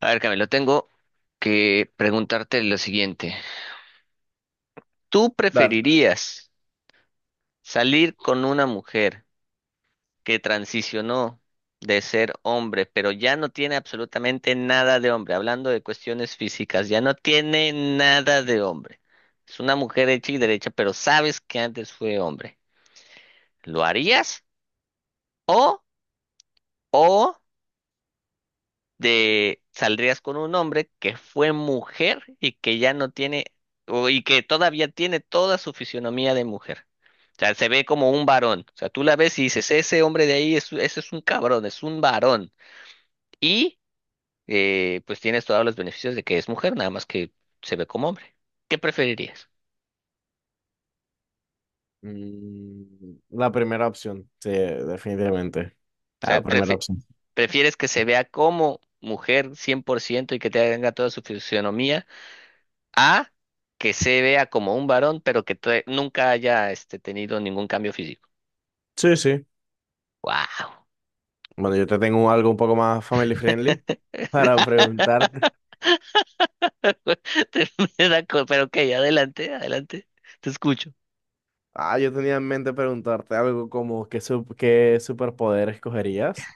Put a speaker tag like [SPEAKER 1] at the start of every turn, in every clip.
[SPEAKER 1] A ver, Camilo, tengo que preguntarte lo siguiente. ¿Tú
[SPEAKER 2] Dale.
[SPEAKER 1] preferirías salir con una mujer que transicionó de ser hombre, pero ya no tiene absolutamente nada de hombre? Hablando de cuestiones físicas, ya no tiene nada de hombre. Es una mujer hecha y derecha, pero sabes que antes fue hombre. ¿Lo harías? ¿O, o de saldrías con un hombre que fue mujer y que ya no tiene, y que todavía tiene toda su fisionomía de mujer. O sea, se ve como un varón. O sea, tú la ves y dices, ese hombre de ahí, ese es un cabrón, es un varón. Y pues tienes todos los beneficios de que es mujer, nada más que se ve como hombre. ¿Qué preferirías?
[SPEAKER 2] La primera opción, sí, definitivamente.
[SPEAKER 1] O sea,
[SPEAKER 2] La primera opción.
[SPEAKER 1] ¿prefieres que se vea como mujer 100% y que te haga toda su fisionomía? A, que se vea como un varón, pero que todavía nunca haya tenido ningún cambio físico.
[SPEAKER 2] Sí, sí.
[SPEAKER 1] ¡Wow!
[SPEAKER 2] Bueno, yo te tengo algo un poco más family friendly para preguntarte.
[SPEAKER 1] Pero ok, adelante, adelante. Te escucho.
[SPEAKER 2] Ah, yo tenía en mente preguntarte algo como qué superpoder escogerías?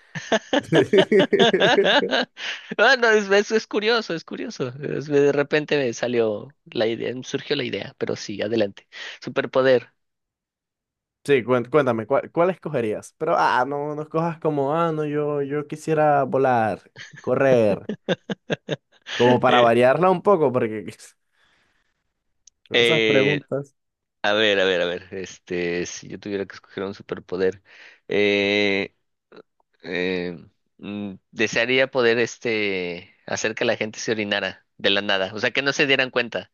[SPEAKER 1] Bueno, eso es curioso, es curioso. De repente me salió la idea, me surgió la idea, pero sí, adelante. Superpoder.
[SPEAKER 2] Sí, cuéntame, cuál escogerías? Pero, ah, no, no escojas como, ah, no, yo quisiera volar, correr, como para
[SPEAKER 1] Eh,
[SPEAKER 2] variarla un poco, porque con esas
[SPEAKER 1] eh,
[SPEAKER 2] preguntas,
[SPEAKER 1] a ver, a ver, a ver. Este, si yo tuviera que escoger un superpoder. eh, eh, desearía poder hacer que la gente se orinara de la nada, o sea, que no se dieran cuenta,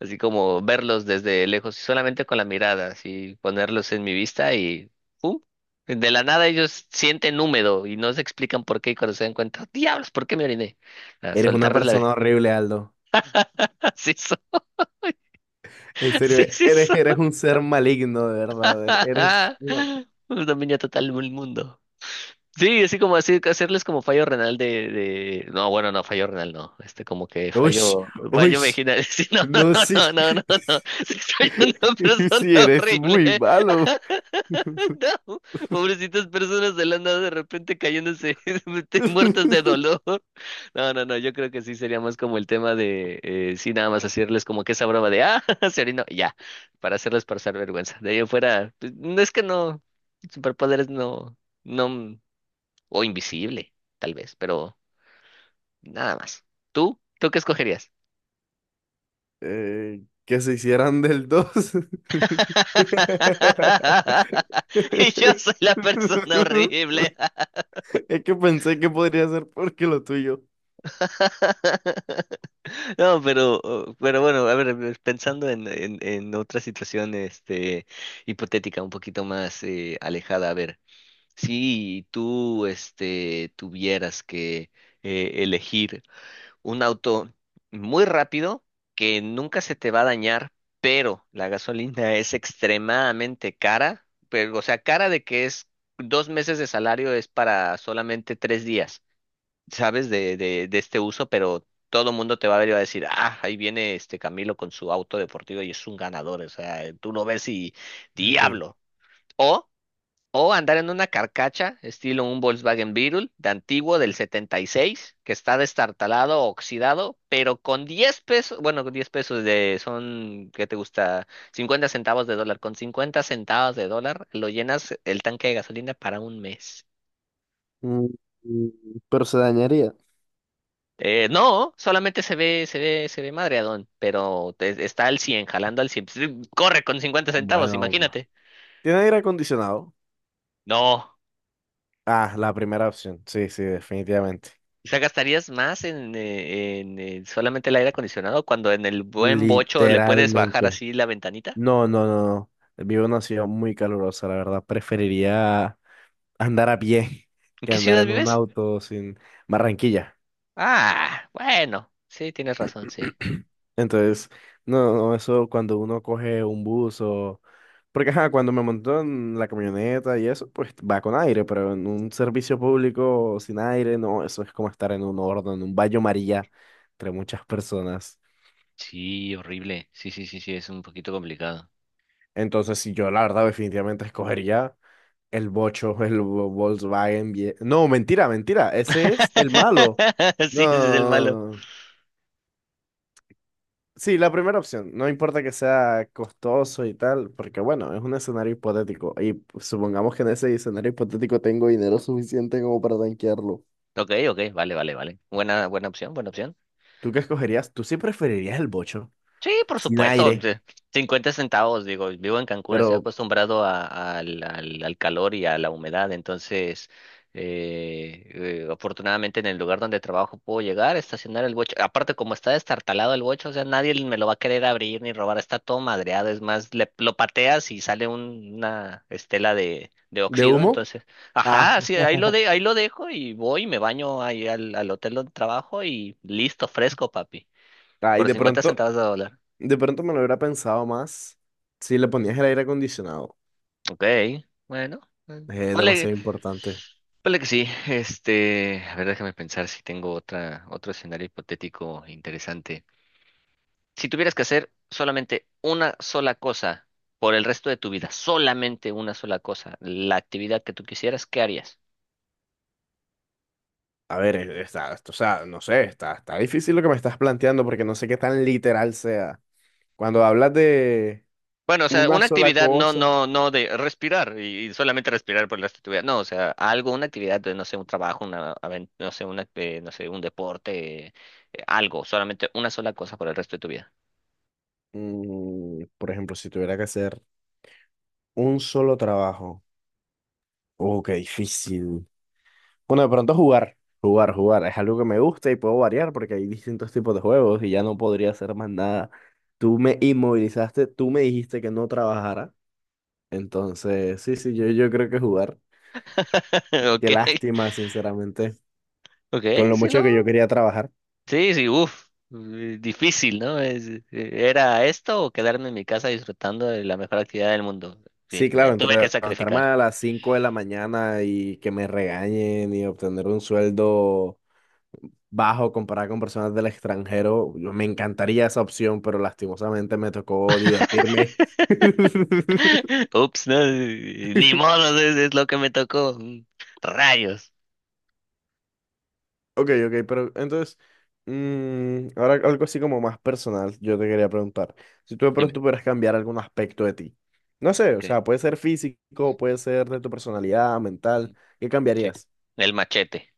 [SPEAKER 1] así como verlos desde lejos, solamente con la mirada, así ponerlos en mi vista y ¡pum! De la nada ellos sienten húmedo y no se explican por qué y cuando se dan cuenta, diablos, ¿por qué me oriné? A
[SPEAKER 2] eres una
[SPEAKER 1] soltarles la...
[SPEAKER 2] persona horrible, Aldo.
[SPEAKER 1] Así es,
[SPEAKER 2] En serio,
[SPEAKER 1] así es eso.
[SPEAKER 2] eres un ser maligno, de verdad. Eres una...
[SPEAKER 1] Un dominio total del mundo. Sí, así como así, hacerles como fallo renal. No, bueno, no, fallo renal no. Este, como que
[SPEAKER 2] Uy,
[SPEAKER 1] fallo,
[SPEAKER 2] uy,
[SPEAKER 1] fallo vaginal. Sí, no, no,
[SPEAKER 2] no, sí.
[SPEAKER 1] no, no, no, no, no. Sí, soy una persona
[SPEAKER 2] Sí, eres
[SPEAKER 1] horrible.
[SPEAKER 2] muy malo.
[SPEAKER 1] No, pobrecitas personas de la nada de repente cayéndose, muertas de dolor. No, no, no, yo creo que sí sería más como el tema de, sí, nada más hacerles como que esa broma de, ah, se orinó, y ya, para hacerles pasar vergüenza. De ahí en fuera, pues, no es que no, superpoderes no, no. O invisible, tal vez, pero nada más. ¿Tú? ¿Tú qué escogerías?
[SPEAKER 2] Que se hicieran del dos.
[SPEAKER 1] Y yo soy la persona horrible.
[SPEAKER 2] Es que pensé que podría ser porque lo tuyo.
[SPEAKER 1] No, pero bueno, a ver, pensando en, otra situación, hipotética, un poquito más alejada, a ver, si tú, tuvieras que elegir un auto muy rápido que nunca se te va a dañar, pero la gasolina es extremadamente cara, pero, o sea, cara de que es 2 meses de salario es para solamente 3 días, ¿sabes? De este uso, pero todo mundo te va a ver y va a decir, ah, ahí viene este Camilo con su auto deportivo y es un ganador, o sea, tú lo ves y
[SPEAKER 2] Ok.
[SPEAKER 1] diablo. o o andar en una carcacha, estilo un Volkswagen Beetle de antiguo del 76, que está destartalado, oxidado, pero con 10 pesos, bueno, con 10 pesos ¿qué te gusta? 50 centavos de dólar. Con 50 centavos de dólar lo llenas el tanque de gasolina para un mes.
[SPEAKER 2] Mm, mm, Pero se dañaría.
[SPEAKER 1] No, solamente se ve madreadón, pero está al 100 jalando al cien. Pues, corre con 50 centavos,
[SPEAKER 2] Bueno,
[SPEAKER 1] imagínate.
[SPEAKER 2] ¿tiene aire acondicionado?
[SPEAKER 1] No.
[SPEAKER 2] Ah, la primera opción. Sí, sí, definitivamente.
[SPEAKER 1] O sea, ¿gastarías más en solamente el aire acondicionado cuando en el buen bocho le puedes bajar
[SPEAKER 2] Literalmente.
[SPEAKER 1] así la ventanita?
[SPEAKER 2] No, no, no, no. Vivo en una ciudad muy calurosa, la verdad. Preferiría andar a pie
[SPEAKER 1] ¿En
[SPEAKER 2] que
[SPEAKER 1] qué
[SPEAKER 2] andar
[SPEAKER 1] ciudad
[SPEAKER 2] en un
[SPEAKER 1] vives?
[SPEAKER 2] auto sin... Barranquilla.
[SPEAKER 1] Ah, bueno, sí, tienes razón, sí.
[SPEAKER 2] Entonces, no, no, eso cuando uno coge un bus o... Porque, ajá, cuando me montó en la camioneta y eso, pues va con aire, pero en un servicio público sin aire, no, eso es como estar en un horno, en un baño María, entre muchas personas.
[SPEAKER 1] Sí, horrible. Sí, sí, sí, sí, es un poquito complicado.
[SPEAKER 2] Entonces, si yo la verdad definitivamente escogería el bocho, el Volkswagen. No, mentira, mentira. Ese es el malo. No,
[SPEAKER 1] Sí, ese es el
[SPEAKER 2] no,
[SPEAKER 1] malo.
[SPEAKER 2] no, no. Sí, la primera opción. No importa que sea costoso y tal, porque bueno, es un escenario hipotético. Y pues, supongamos que en ese escenario hipotético tengo dinero suficiente como para tanquearlo.
[SPEAKER 1] Ok, ok, vale, vale, vale. Buena, buena opción, buena opción.
[SPEAKER 2] ¿Tú qué escogerías? Tú sí preferirías el bocho,
[SPEAKER 1] Sí, por
[SPEAKER 2] sin
[SPEAKER 1] supuesto,
[SPEAKER 2] aire,
[SPEAKER 1] 50 centavos, digo, vivo en Cancún, estoy
[SPEAKER 2] pero...
[SPEAKER 1] acostumbrado al calor y a la humedad, entonces, afortunadamente en el lugar donde trabajo puedo llegar, estacionar el bocho, aparte como está destartalado el bocho, o sea, nadie me lo va a querer abrir ni robar, está todo madreado, es más, lo pateas y sale una estela de
[SPEAKER 2] ¿de
[SPEAKER 1] óxido,
[SPEAKER 2] humo?
[SPEAKER 1] entonces,
[SPEAKER 2] Ah,
[SPEAKER 1] ajá, sí, ahí lo dejo y voy, me baño ahí al hotel donde trabajo y listo, fresco, papi,
[SPEAKER 2] ay,
[SPEAKER 1] por 50 centavos de dólar.
[SPEAKER 2] de pronto me lo hubiera pensado más si le ponías el aire acondicionado.
[SPEAKER 1] Ok, bueno, eh,
[SPEAKER 2] Es
[SPEAKER 1] ponle,
[SPEAKER 2] demasiado importante.
[SPEAKER 1] ponle que sí. Este, a ver, déjame pensar si tengo otro escenario hipotético interesante. Si tuvieras que hacer solamente una sola cosa por el resto de tu vida, solamente una sola cosa, la actividad que tú quisieras, ¿qué harías?
[SPEAKER 2] A ver, o sea, no sé, está difícil lo que me estás planteando porque no sé qué tan literal sea. Cuando hablas de
[SPEAKER 1] Bueno, o sea,
[SPEAKER 2] una
[SPEAKER 1] una
[SPEAKER 2] sola
[SPEAKER 1] actividad no,
[SPEAKER 2] cosa,
[SPEAKER 1] no, no de respirar y solamente respirar por el resto de tu vida. No, o sea, algo, una actividad de, no sé, un trabajo, no sé, no sé, un deporte, algo, solamente una sola cosa por el resto de tu vida.
[SPEAKER 2] mm, por ejemplo, si tuviera que hacer un solo trabajo, oh, qué difícil. Bueno, de pronto jugar, es algo que me gusta y puedo variar porque hay distintos tipos de juegos y ya no podría hacer más nada. Tú me inmovilizaste, tú me dijiste que no trabajara, entonces, sí, sí, yo creo que jugar.
[SPEAKER 1] Ok.
[SPEAKER 2] Qué lástima, sinceramente,
[SPEAKER 1] Ok,
[SPEAKER 2] con lo
[SPEAKER 1] si
[SPEAKER 2] mucho
[SPEAKER 1] no.
[SPEAKER 2] que yo quería trabajar.
[SPEAKER 1] Sí, sí, uff. Difícil, ¿no? ¿Era esto o quedarme en mi casa disfrutando de la mejor actividad del mundo? Sí,
[SPEAKER 2] Sí,
[SPEAKER 1] me
[SPEAKER 2] claro,
[SPEAKER 1] tuve que
[SPEAKER 2] entre levantarme
[SPEAKER 1] sacrificar.
[SPEAKER 2] a las 5 de la mañana y que me regañen y obtener un sueldo bajo comparado con personas del extranjero, me encantaría esa opción, pero lastimosamente me tocó divertirme.
[SPEAKER 1] Ups, no, ni modo, es lo que me tocó. Rayos.
[SPEAKER 2] Ok, ok, pero entonces, mm, ahora algo así como más personal, yo te quería preguntar, si tú de
[SPEAKER 1] Dime.
[SPEAKER 2] pronto pudieras cambiar algún aspecto de ti, no sé, o
[SPEAKER 1] Okay.
[SPEAKER 2] sea, puede ser físico, puede ser de tu personalidad, mental,
[SPEAKER 1] Ujú.
[SPEAKER 2] ¿qué
[SPEAKER 1] Sí.
[SPEAKER 2] cambiarías?
[SPEAKER 1] El machete.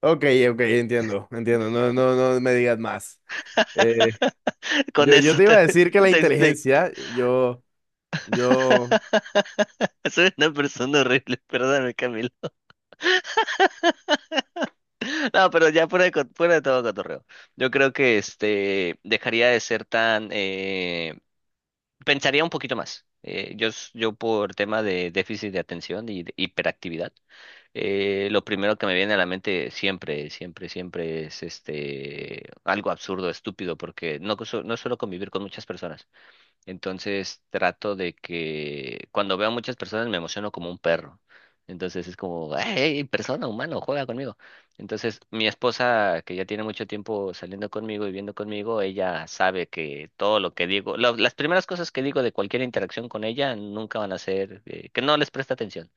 [SPEAKER 2] Ok, ok, entiendo, entiendo. No, no, no me digas más. Eh,
[SPEAKER 1] Con
[SPEAKER 2] yo
[SPEAKER 1] eso
[SPEAKER 2] te iba
[SPEAKER 1] te,
[SPEAKER 2] a decir que la
[SPEAKER 1] te explico.
[SPEAKER 2] inteligencia, yo,
[SPEAKER 1] Soy una persona horrible, perdóname, Camila. No, pero ya fuera de todo cotorreo. Yo creo que dejaría de ser tan pensaría un poquito más. Yo por tema de déficit de atención y de hiperactividad, lo primero que me viene a la mente siempre, siempre, siempre es algo absurdo, estúpido, porque no suelo convivir con muchas personas. Entonces trato de que cuando veo a muchas personas me emociono como un perro. Entonces es como, hey, persona, humano, juega conmigo. Entonces mi esposa, que ya tiene mucho tiempo saliendo conmigo y viviendo conmigo, ella sabe que todo lo que digo, las primeras cosas que digo de cualquier interacción con ella nunca van a ser, que no les presta atención.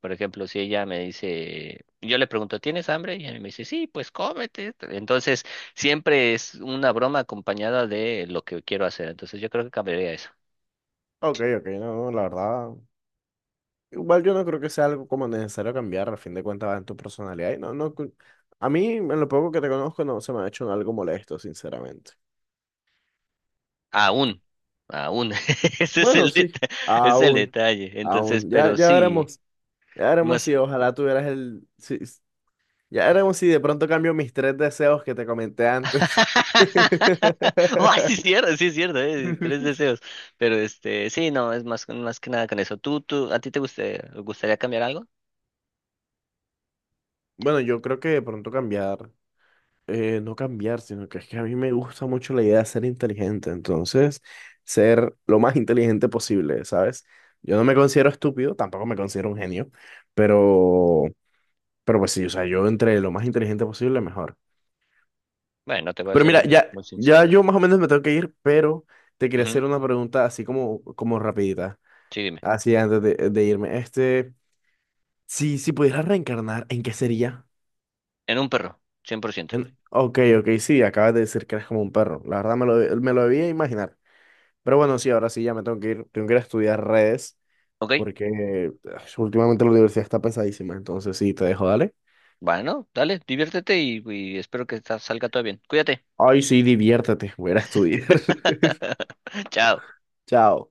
[SPEAKER 1] Por ejemplo, si ella me dice, yo le pregunto, ¿tienes hambre? Y ella me dice, sí, pues cómete. Entonces siempre es una broma acompañada de lo que quiero hacer. Entonces yo creo que cambiaría eso.
[SPEAKER 2] ok, ok, no, la verdad, igual yo no creo que sea algo como necesario cambiar, a fin de cuentas va en tu personalidad y no, a mí, en lo poco que te conozco, no se me ha hecho algo molesto, sinceramente.
[SPEAKER 1] Aún, aún. Ese es
[SPEAKER 2] Bueno,
[SPEAKER 1] el
[SPEAKER 2] sí,
[SPEAKER 1] deta- es el
[SPEAKER 2] aún,
[SPEAKER 1] detalle. Entonces,
[SPEAKER 2] aún,
[SPEAKER 1] pero sí,
[SPEAKER 2] ya veremos
[SPEAKER 1] más.
[SPEAKER 2] si ojalá tuvieras el, si, ya veremos si de pronto cambio mis tres deseos que te comenté antes.
[SPEAKER 1] Oh, sí es cierto, tres deseos. Pero sí, no, es más, más que nada con eso. ¿A ti te gustaría cambiar algo?
[SPEAKER 2] Bueno, yo creo que de pronto cambiar, no cambiar, sino que es que a mí me gusta mucho la idea de ser inteligente, entonces ser lo más inteligente posible, ¿sabes? Yo no me considero estúpido, tampoco me considero un genio, pero, pero pues sí, o sea, yo entre lo más inteligente posible, mejor.
[SPEAKER 1] Bueno, te voy a
[SPEAKER 2] Pero
[SPEAKER 1] ser
[SPEAKER 2] mira,
[SPEAKER 1] muy, muy
[SPEAKER 2] ya
[SPEAKER 1] sincero.
[SPEAKER 2] yo más o menos me tengo que ir, pero te quería
[SPEAKER 1] Ujú.
[SPEAKER 2] hacer una pregunta así como, como rapidita,
[SPEAKER 1] Sí, dime.
[SPEAKER 2] así antes de irme. Este, si pudieras reencarnar, ¿en qué sería?
[SPEAKER 1] En un perro, 100%.
[SPEAKER 2] Ok, ok, sí, acabas de decir que eres como un perro. La verdad me lo debía imaginar. Pero bueno, sí, ahora sí ya me tengo que ir a estudiar redes
[SPEAKER 1] ¿Ok?
[SPEAKER 2] porque últimamente la universidad está pesadísima. Entonces sí, te dejo, dale.
[SPEAKER 1] Bueno, dale, diviértete y espero que salga todo bien. Cuídate.
[SPEAKER 2] Ay, sí, diviértete, voy a ir a estudiar.
[SPEAKER 1] Chao.
[SPEAKER 2] Chao.